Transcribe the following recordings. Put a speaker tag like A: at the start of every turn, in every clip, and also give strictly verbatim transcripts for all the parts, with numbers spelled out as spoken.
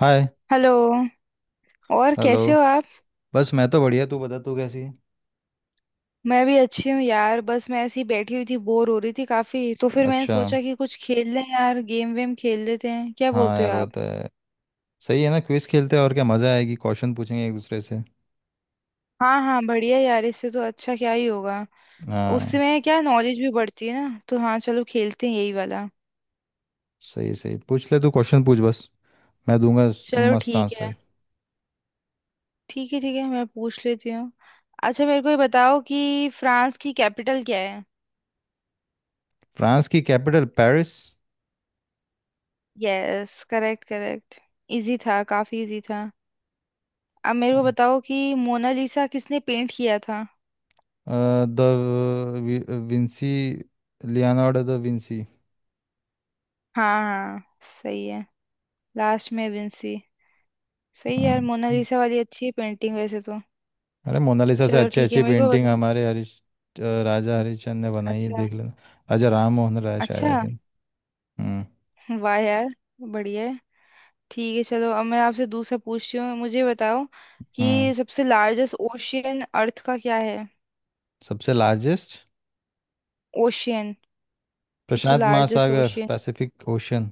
A: हाय।
B: Hello. और
A: hello.
B: कैसे हो आप?
A: बस, मैं तो बढ़िया। तू बता, तू कैसी है?
B: मैं भी अच्छी हूँ यार, बस मैं ऐसी बैठी हुई थी, बोर हो रही थी काफी। तो फिर मैंने
A: अच्छा।
B: सोचा कि कुछ खेल लें यार, गेम वेम खेल लेते हैं, क्या
A: हाँ
B: बोलते हो
A: यार, वो
B: आप?
A: तो है। सही है ना, क्विज खेलते हैं। और क्या मज़ा आएगी, क्वेश्चन पूछेंगे एक दूसरे से।
B: हाँ हाँ, बढ़िया यार, इससे तो अच्छा क्या ही होगा।
A: हाँ।
B: उसमें क्या नॉलेज भी बढ़ती है ना, तो हाँ चलो खेलते हैं यही वाला।
A: सही सही, पूछ ले तू। क्वेश्चन पूछ बस, मैं दूंगा स-
B: चलो
A: मस्त
B: ठीक है।
A: आंसर।
B: ठीक है ठीक है, मैं पूछ लेती हूँ। अच्छा मेरे को ये बताओ कि फ्रांस की कैपिटल क्या है?
A: फ्रांस की capital Paris.
B: Yes, correct correct. Easy था, काफी इजी था। अब मेरे को बताओ कि मोनालिसा किसने पेंट किया था?
A: Da Vinci. Leonardo da Vinci.
B: हाँ हाँ, सही है। लास्ट में विंसी। सही है यार,
A: हम्म।
B: मोनालिसा वाली अच्छी है पेंटिंग वैसे तो।
A: अरे मोनालिसा से
B: चलो
A: अच्छी
B: ठीक है,
A: अच्छी
B: मेरे को
A: पेंटिंग
B: बता।
A: हमारे हरीश, अ, राजा हरिश्चंद्र ने बनाई है,
B: अच्छा।
A: देख लेना। राजा राम मोहन राय, शायद, आई
B: अच्छा।
A: थिंक। हम्म।
B: वाह यार, बढ़िया है। ठीक है चलो, अब मैं आपसे दूसरा पूछती हूँ, मुझे बताओ
A: हम्म।
B: कि सबसे लार्जेस्ट ओशियन अर्थ का क्या है?
A: सबसे लार्जेस्ट।
B: ओशियन। सबसे
A: प्रशांत
B: लार्जेस्ट
A: महासागर,
B: ओशियन।
A: Pacific ocean.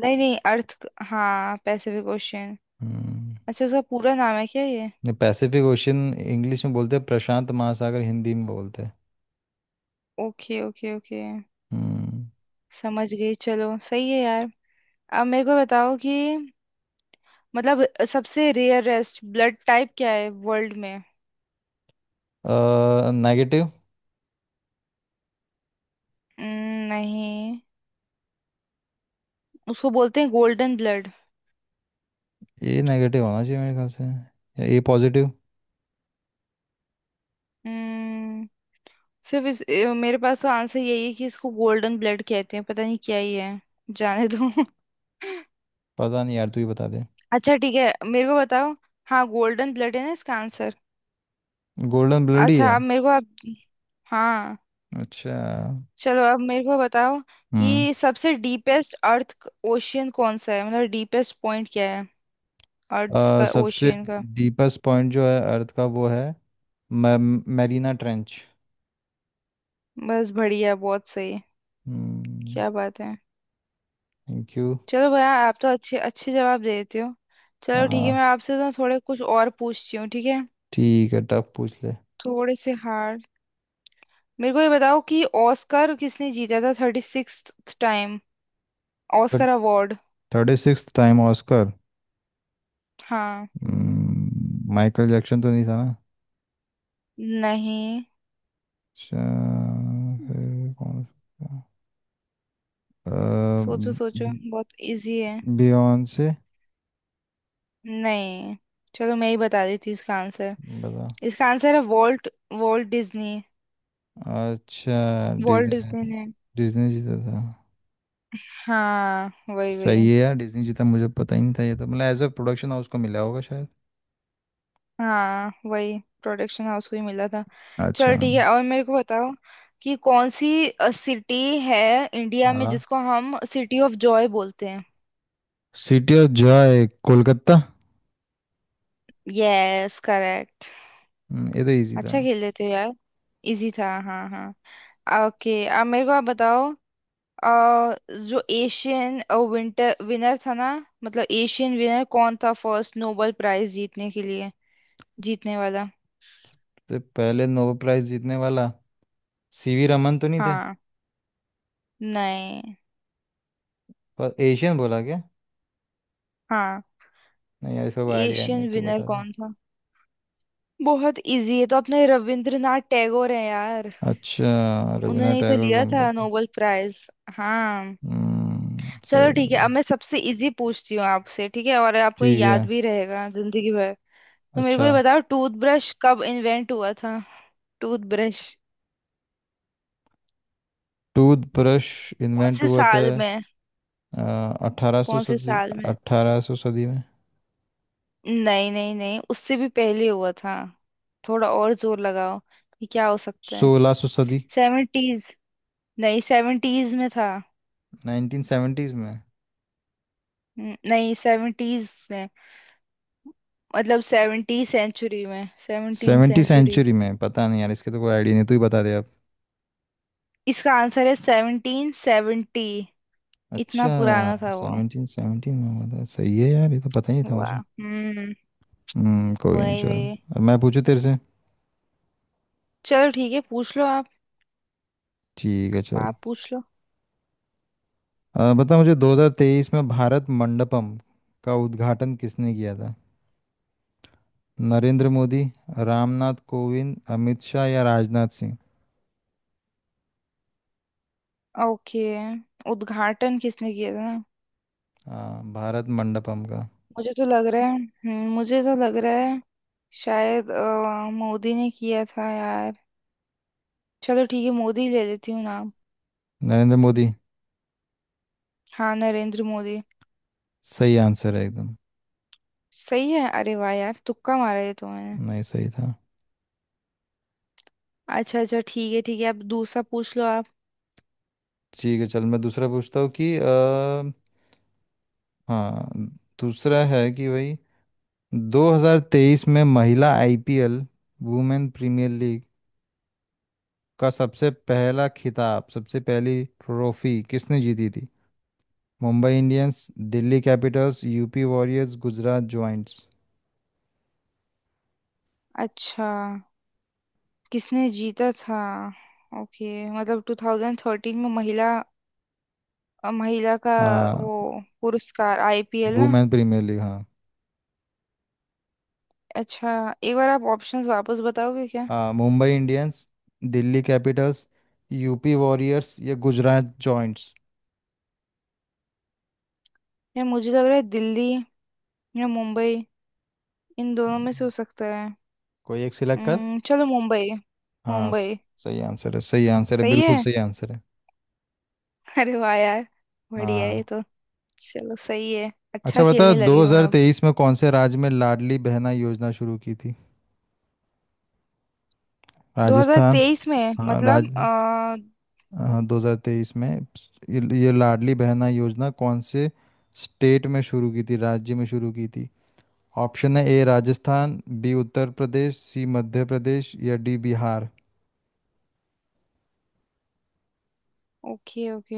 B: नहीं नहीं, अर्थ क- हाँ पैसिफिक ओशियन।
A: हम्म।
B: अच्छा उसका पूरा नाम है क्या ये?
A: नहीं, पैसिफिक ओशन इंग्लिश में बोलते हैं, प्रशांत महासागर हिंदी में बोलते हैं।
B: Okay okay okay.
A: हम्म।
B: समझ गई, चलो सही है यार। अब मेरे को बताओ कि, मतलब, सबसे रेयरेस्ट ब्लड टाइप क्या है वर्ल्ड में?
A: नेगेटिव।
B: हम्म, नहीं, उसको बोलते हैं गोल्डन ब्लड।
A: ये नेगेटिव होना चाहिए मेरे ख्याल से, या ए पॉजिटिव।
B: हम्म। सिर्फ इस ए, मेरे पास तो आंसर यही है कि इसको गोल्डन ब्लड कहते हैं, पता नहीं क्या ही है। जाने दो।
A: पता नहीं यार, तू ही बता दे।
B: अच्छा ठीक है, मेरे को बताओ। हाँ गोल्डन ब्लड है ना इसका आंसर।
A: गोल्डन ब्लड ही है।
B: अच्छा अब मेरे को आप। हाँ।
A: अच्छा।
B: चलो अब मेरे को बताओ
A: हम्म।
B: कि सबसे डीपेस्ट अर्थ ओशियन कौन सा है, मतलब डीपेस्ट पॉइंट क्या है अर्थ
A: अ,
B: का,
A: सबसे
B: ओशियन का।
A: डीपेस्ट पॉइंट जो है अर्थ का, वो है मैरीना ट्रेंच।
B: बस, बढ़िया, बहुत सही।
A: हम्म।
B: क्या बात है।
A: Thank you.
B: चलो भैया, आप तो अच्छे अच्छे जवाब देते हो। चलो ठीक है,
A: हाँ,
B: मैं आपसे तो थोड़े कुछ और पूछती हूँ, ठीक है?
A: ठीक है, टफ पूछ ले।
B: थोड़े से हार्ड। मेरे को ये बताओ कि ऑस्कर किसने जीता था thirty sixth time Oscar award?
A: Thirty six time Oscar.
B: हाँ।
A: हम्म, माइकल जैक्सन तो नहीं था ना?
B: नहीं।
A: अच्छा, फिर कौन? अ,
B: सोचो सोचो, बहुत इजी है।
A: बियॉन्से।
B: नहीं। चलो मैं ही बता देती हूँ इसका आंसर।
A: बता।
B: इसका आंसर है वॉल्ट, वॉल्ट डिज्नी।
A: अच्छा,
B: वॉल्ट
A: डिज्नी।
B: डिज्नी ने।
A: डिज्नी जीता था।
B: हाँ वही
A: सही
B: वही।
A: है यार, डिज्नी जीता, मुझे पता ही नहीं था ये तो। मतलब एज अ प्रोडक्शन हाउस को मिला होगा शायद।
B: हाँ, वही प्रोडक्शन हाउस को ही मिला था।
A: अच्छा।
B: चल ठीक है, और मेरे को बताओ कि कौन सी सिटी है इंडिया में
A: हाँ।
B: जिसको हम सिटी ऑफ जॉय बोलते हैं?
A: City of joy Kolkata.
B: Yes correct.
A: हम्म, ये तो इजी था।
B: अच्छा खेल लेते हो यार। इजी था, हाँ हाँ। ओके, अब मेरे को आप बताओ। अ, जो एशियन विंटर विनर था ना, मतलब एशियन विनर कौन था फर्स्ट नोबेल प्राइज जीतने के लिए, जीतने वाला?
A: तो पहले नोबेल प्राइज जीतने वाला सीवी रमन तो नहीं थे?
B: हाँ। नहीं।
A: पर एशियन बोला क्या?
B: हाँ।
A: नहीं यार, इसका कोई आइडिया नहीं,
B: एशियन
A: तो
B: विनर
A: बता दे।
B: कौन था? बहुत इजी है, तो अपने रविंद्रनाथ टैगोर हैं यार।
A: अच्छा,
B: उन्होंने
A: रविन्द्रनाथ
B: ही तो
A: टैगोर को
B: लिया
A: मिला
B: था
A: था।
B: Nobel prize. हाँ।
A: हम्म, सही
B: चलो ठीक
A: बात
B: है, अब
A: है।
B: मैं सबसे इजी पूछती हूँ आपसे, ठीक है? और आपको ये
A: ठीक है।
B: याद भी रहेगा जिंदगी भर। तो मेरे को
A: अच्छा,
B: ये बताओ, टूथब्रश कब इन्वेंट हुआ था? टूथब्रश।
A: टूथब्रश
B: कौन
A: इन्वेंट
B: से
A: हुआ था।
B: साल में?
A: अठारह सौ
B: कौन से
A: सदी।
B: साल में?
A: अठारह सौ सदी में।
B: नहीं नहीं नहीं, उससे भी पहले हुआ था। थोड़ा और जोर लगाओ कि क्या हो सकता है।
A: सोलह सौ सदी।
B: सेवेंटीज। नहीं सेवेंटीज में था।
A: नाइनटीन सेवेंटीज में।
B: न- नहीं सेवेंटीज में, मतलब सेवनटी सेंचुरी में, सेवनटीन
A: सेवेंटी
B: सेंचुरी।
A: सेंचुरी में, पता नहीं यार, इसके तो कोई आइडिया नहीं, तू ही बता दे आप।
B: इसका आंसर है सेवनटीन सेवेंटी। इतना
A: अच्छा,
B: पुराना था वो।
A: सेवनटीन सेवनटीन में हुआ था, सही है यार, ये तो पता ही नहीं था
B: वाह।
A: मुझे।
B: हम्म।
A: हम्म, कोई नहीं,
B: वही
A: चल,
B: वही।
A: अब मैं पूछू तेरे से।
B: चलो ठीक है, पूछ लो आप।
A: ठीक है, चल।
B: आप पूछ लो।
A: अ, बता मुझे, दो हज़ार तेईस में भारत मंडपम का उद्घाटन किसने किया था? नरेंद्र मोदी, रामनाथ कोविंद, अमित शाह या राजनाथ सिंह?
B: ओके। उद्घाटन किसने किया था?
A: हाँ, भारत मंडपम का।
B: मुझे तो लग रहा है, हम्म, मुझे तो लग रहा है शायद अ, मोदी ने किया था यार। चलो ठीक है, मोदी ले लेती हूँ नाम।
A: नरेंद्र मोदी
B: हाँ नरेंद्र मोदी।
A: सही आंसर है एकदम।
B: सही है? अरे वाह यार, तुक्का मारा है तो मैंने।
A: नहीं, सही था।
B: अच्छा अच्छा ठीक है ठीक है, अब दूसरा पूछ लो आप।
A: ठीक है चल, मैं दूसरा पूछता हूँ कि अ, हाँ, दूसरा है कि भाई, दो हज़ार तेईस में महिला आईपीएल, वुमेन प्रीमियर लीग का सबसे पहला खिताब, सबसे पहली ट्रॉफी किसने जीती थी? Mumbai Indians, Delhi Capitals, UP Warriors, Gujarat Giants.
B: अच्छा, किसने जीता था? ओके, मतलब ट्वेंटी थर्टीन में महिला, अ, महिला का
A: हाँ,
B: वो पुरस्कार, आईपीएल ना?
A: वुमेन प्रीमियर लीग, हाँ।
B: अच्छा। एक बार आप ऑप्शंस वापस बताओगे क्या?
A: हाँ, Mumbai Indians, Delhi Capitals, UP Warriors या गुजरात जॉइंट्स।
B: या मुझे लग रहा है दिल्ली या मुंबई, इन दोनों में से हो सकता है।
A: कोई एक सिलेक्ट कर।
B: हम्म, चलो मुंबई।
A: हाँ स-
B: मुंबई।
A: सही आंसर है, सही आंसर है,
B: सही
A: बिल्कुल
B: है।
A: सही आंसर है।
B: अरे वाह यार, बढ़िया है ये
A: हाँ।
B: तो। चलो सही है,
A: अच्छा,
B: अच्छा
A: बता,
B: खेलने लगी हूँ मैं अब।
A: दो हज़ार तेईस में कौन से राज्य में लाडली बहना योजना शुरू की थी? राजस्थान,
B: दो हज़ार तेईस में?
A: हाँ
B: मतलब
A: राज,
B: आ,
A: हाँ, दो हजार तेईस में ये ये लाडली बहना योजना कौन से स्टेट में शुरू की थी, राज्य में शुरू की थी। ऑप्शन है A Rajasthan, B Uttar Pradesh, C Madhya Pradesh या डी बिहार।
B: Okay okay.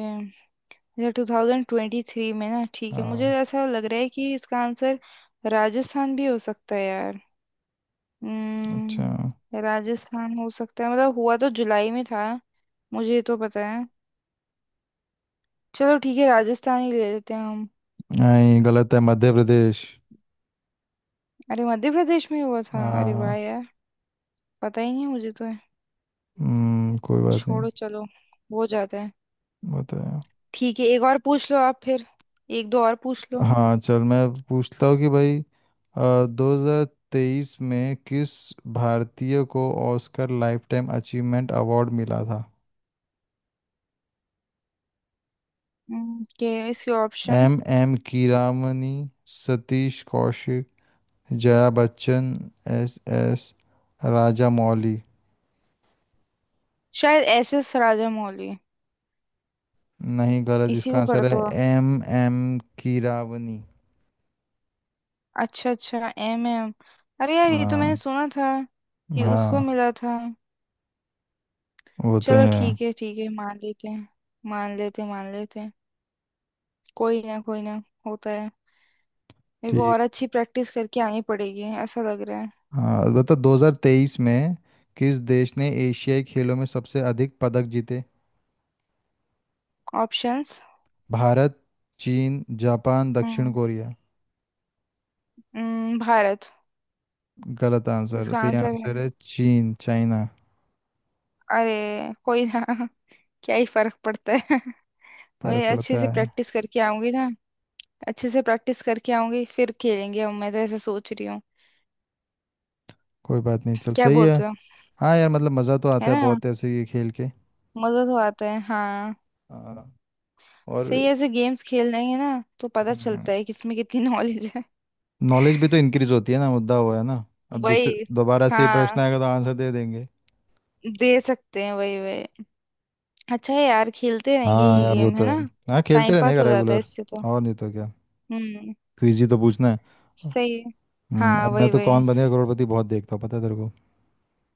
B: या ट्वेंटी ट्वेंटी थ्री में ना, ठीक है, मुझे
A: हाँ।
B: ऐसा लग रहा है कि इसका आंसर राजस्थान भी हो सकता है यार।
A: अच्छा।
B: हम्म, राजस्थान हो सकता है, मतलब हुआ तो जुलाई में था। मुझे तो पता है। चलो ठीक है, राजस्थान ही ले लेते हैं हम।
A: नहीं, गलत है, मध्य प्रदेश।
B: अरे मध्य प्रदेश में हुआ था? अरे वाह
A: हाँ।
B: यार, पता ही नहीं मुझे तो।
A: हम्म, कोई बात नहीं।
B: छोड़ो चलो, हो जाता है।
A: बताया।
B: ठीक है एक और पूछ लो आप, फिर एक दो और पूछ लो।
A: हाँ चल, मैं पूछता हूँ कि भाई, दो हजार तेईस में किस भारतीय को ऑस्कर लाइफटाइम अचीवमेंट अवार्ड मिला था?
B: हम्म, के इसके option.
A: M M Keeravani, Satish Kaushik, Jaya Bachchan, S S Rajamouli.
B: शायद एस एस राजामौली।
A: नहीं, गलत।
B: इसी
A: इसका
B: को कर
A: आंसर है
B: दो।
A: M M Keeravani.
B: अच्छा अच्छा एम एम। अरे यार ये तो मैंने
A: हाँ।
B: सुना था कि उसको
A: हाँ,
B: मिला था।
A: वो तो
B: चलो
A: है।
B: ठीक है ठीक है, मान लेते हैं। मान लेते हैं, मान लेते हैं। कोई ना, कोई ना होता है। मेरे को
A: ठीक।
B: और अच्छी प्रैक्टिस करके आनी पड़ेगी, ऐसा लग रहा है।
A: हाँ बता, दो हज़ार तेईस में किस देश ने एशियाई खेलों में सबसे अधिक पदक जीते?
B: ऑप्शंस।
A: भारत, चीन, जापान, दक्षिण
B: हम्म।
A: कोरिया।
B: हम्म, भारत।
A: गलत आंसर।
B: इसका
A: सही
B: आंसर
A: आंसर
B: है?
A: है चीन, चाइना।
B: अरे कोई ना। क्या ही फर्क पड़ता है।
A: फर्क
B: मैं अच्छे से
A: पड़ता है।
B: प्रैक्टिस करके आऊंगी ना, अच्छे से प्रैक्टिस करके आऊंगी, फिर खेलेंगे अब, मैं तो ऐसा सोच रही हूँ।
A: कोई बात नहीं, चल
B: क्या
A: सही है।
B: बोलते हो?
A: हाँ यार, मतलब मज़ा तो
B: है
A: आता है
B: ना,
A: बहुत ऐसे ये खेल के।
B: मजा तो आता है हाँ।
A: हाँ, और
B: सही, ऐसे गेम्स खेल लेंगे ना तो पता चलता है किसमें कितनी नॉलेज है।
A: नॉलेज भी तो इंक्रीज होती है ना, मुद्दा हुआ है ना। अब दूसरे
B: वही।
A: दोबारा से ये
B: हाँ
A: प्रश्न आएगा तो आंसर दे देंगे।
B: दे सकते हैं, वही वही। अच्छा है यार, खेलते रहेंगे
A: हाँ
B: ये
A: यार, वो
B: गेम, है
A: तो है।
B: ना?
A: हाँ, खेलते
B: टाइम
A: रहने
B: पास
A: का
B: हो जाता है
A: रेगुलर।
B: इससे तो।
A: और नहीं तो क्या,
B: हम्म।
A: क्विज ही तो पूछना है।
B: सही है।
A: हम्म,
B: हाँ
A: और मैं
B: वही
A: तो
B: वही।
A: कौन बनेगा करोड़पति बहुत देखता हूँ, पता है तेरे को।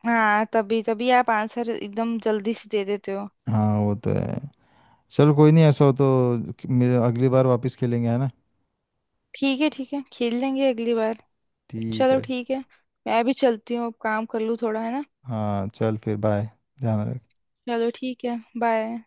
B: हाँ तभी तभी आप आंसर एकदम जल्दी से दे देते हो।
A: हाँ, वो तो है। चल कोई नहीं, ऐसा हो तो मे- अगली बार वापस खेलेंगे, है ना।
B: ठीक है ठीक है, खेल लेंगे अगली बार।
A: ठीक
B: चलो
A: है।
B: ठीक है, मैं भी चलती हूँ, अब काम कर लूँ थोड़ा, है ना?
A: हाँ चल, फिर बाय, ध्यान रख।
B: चलो ठीक है, बाय।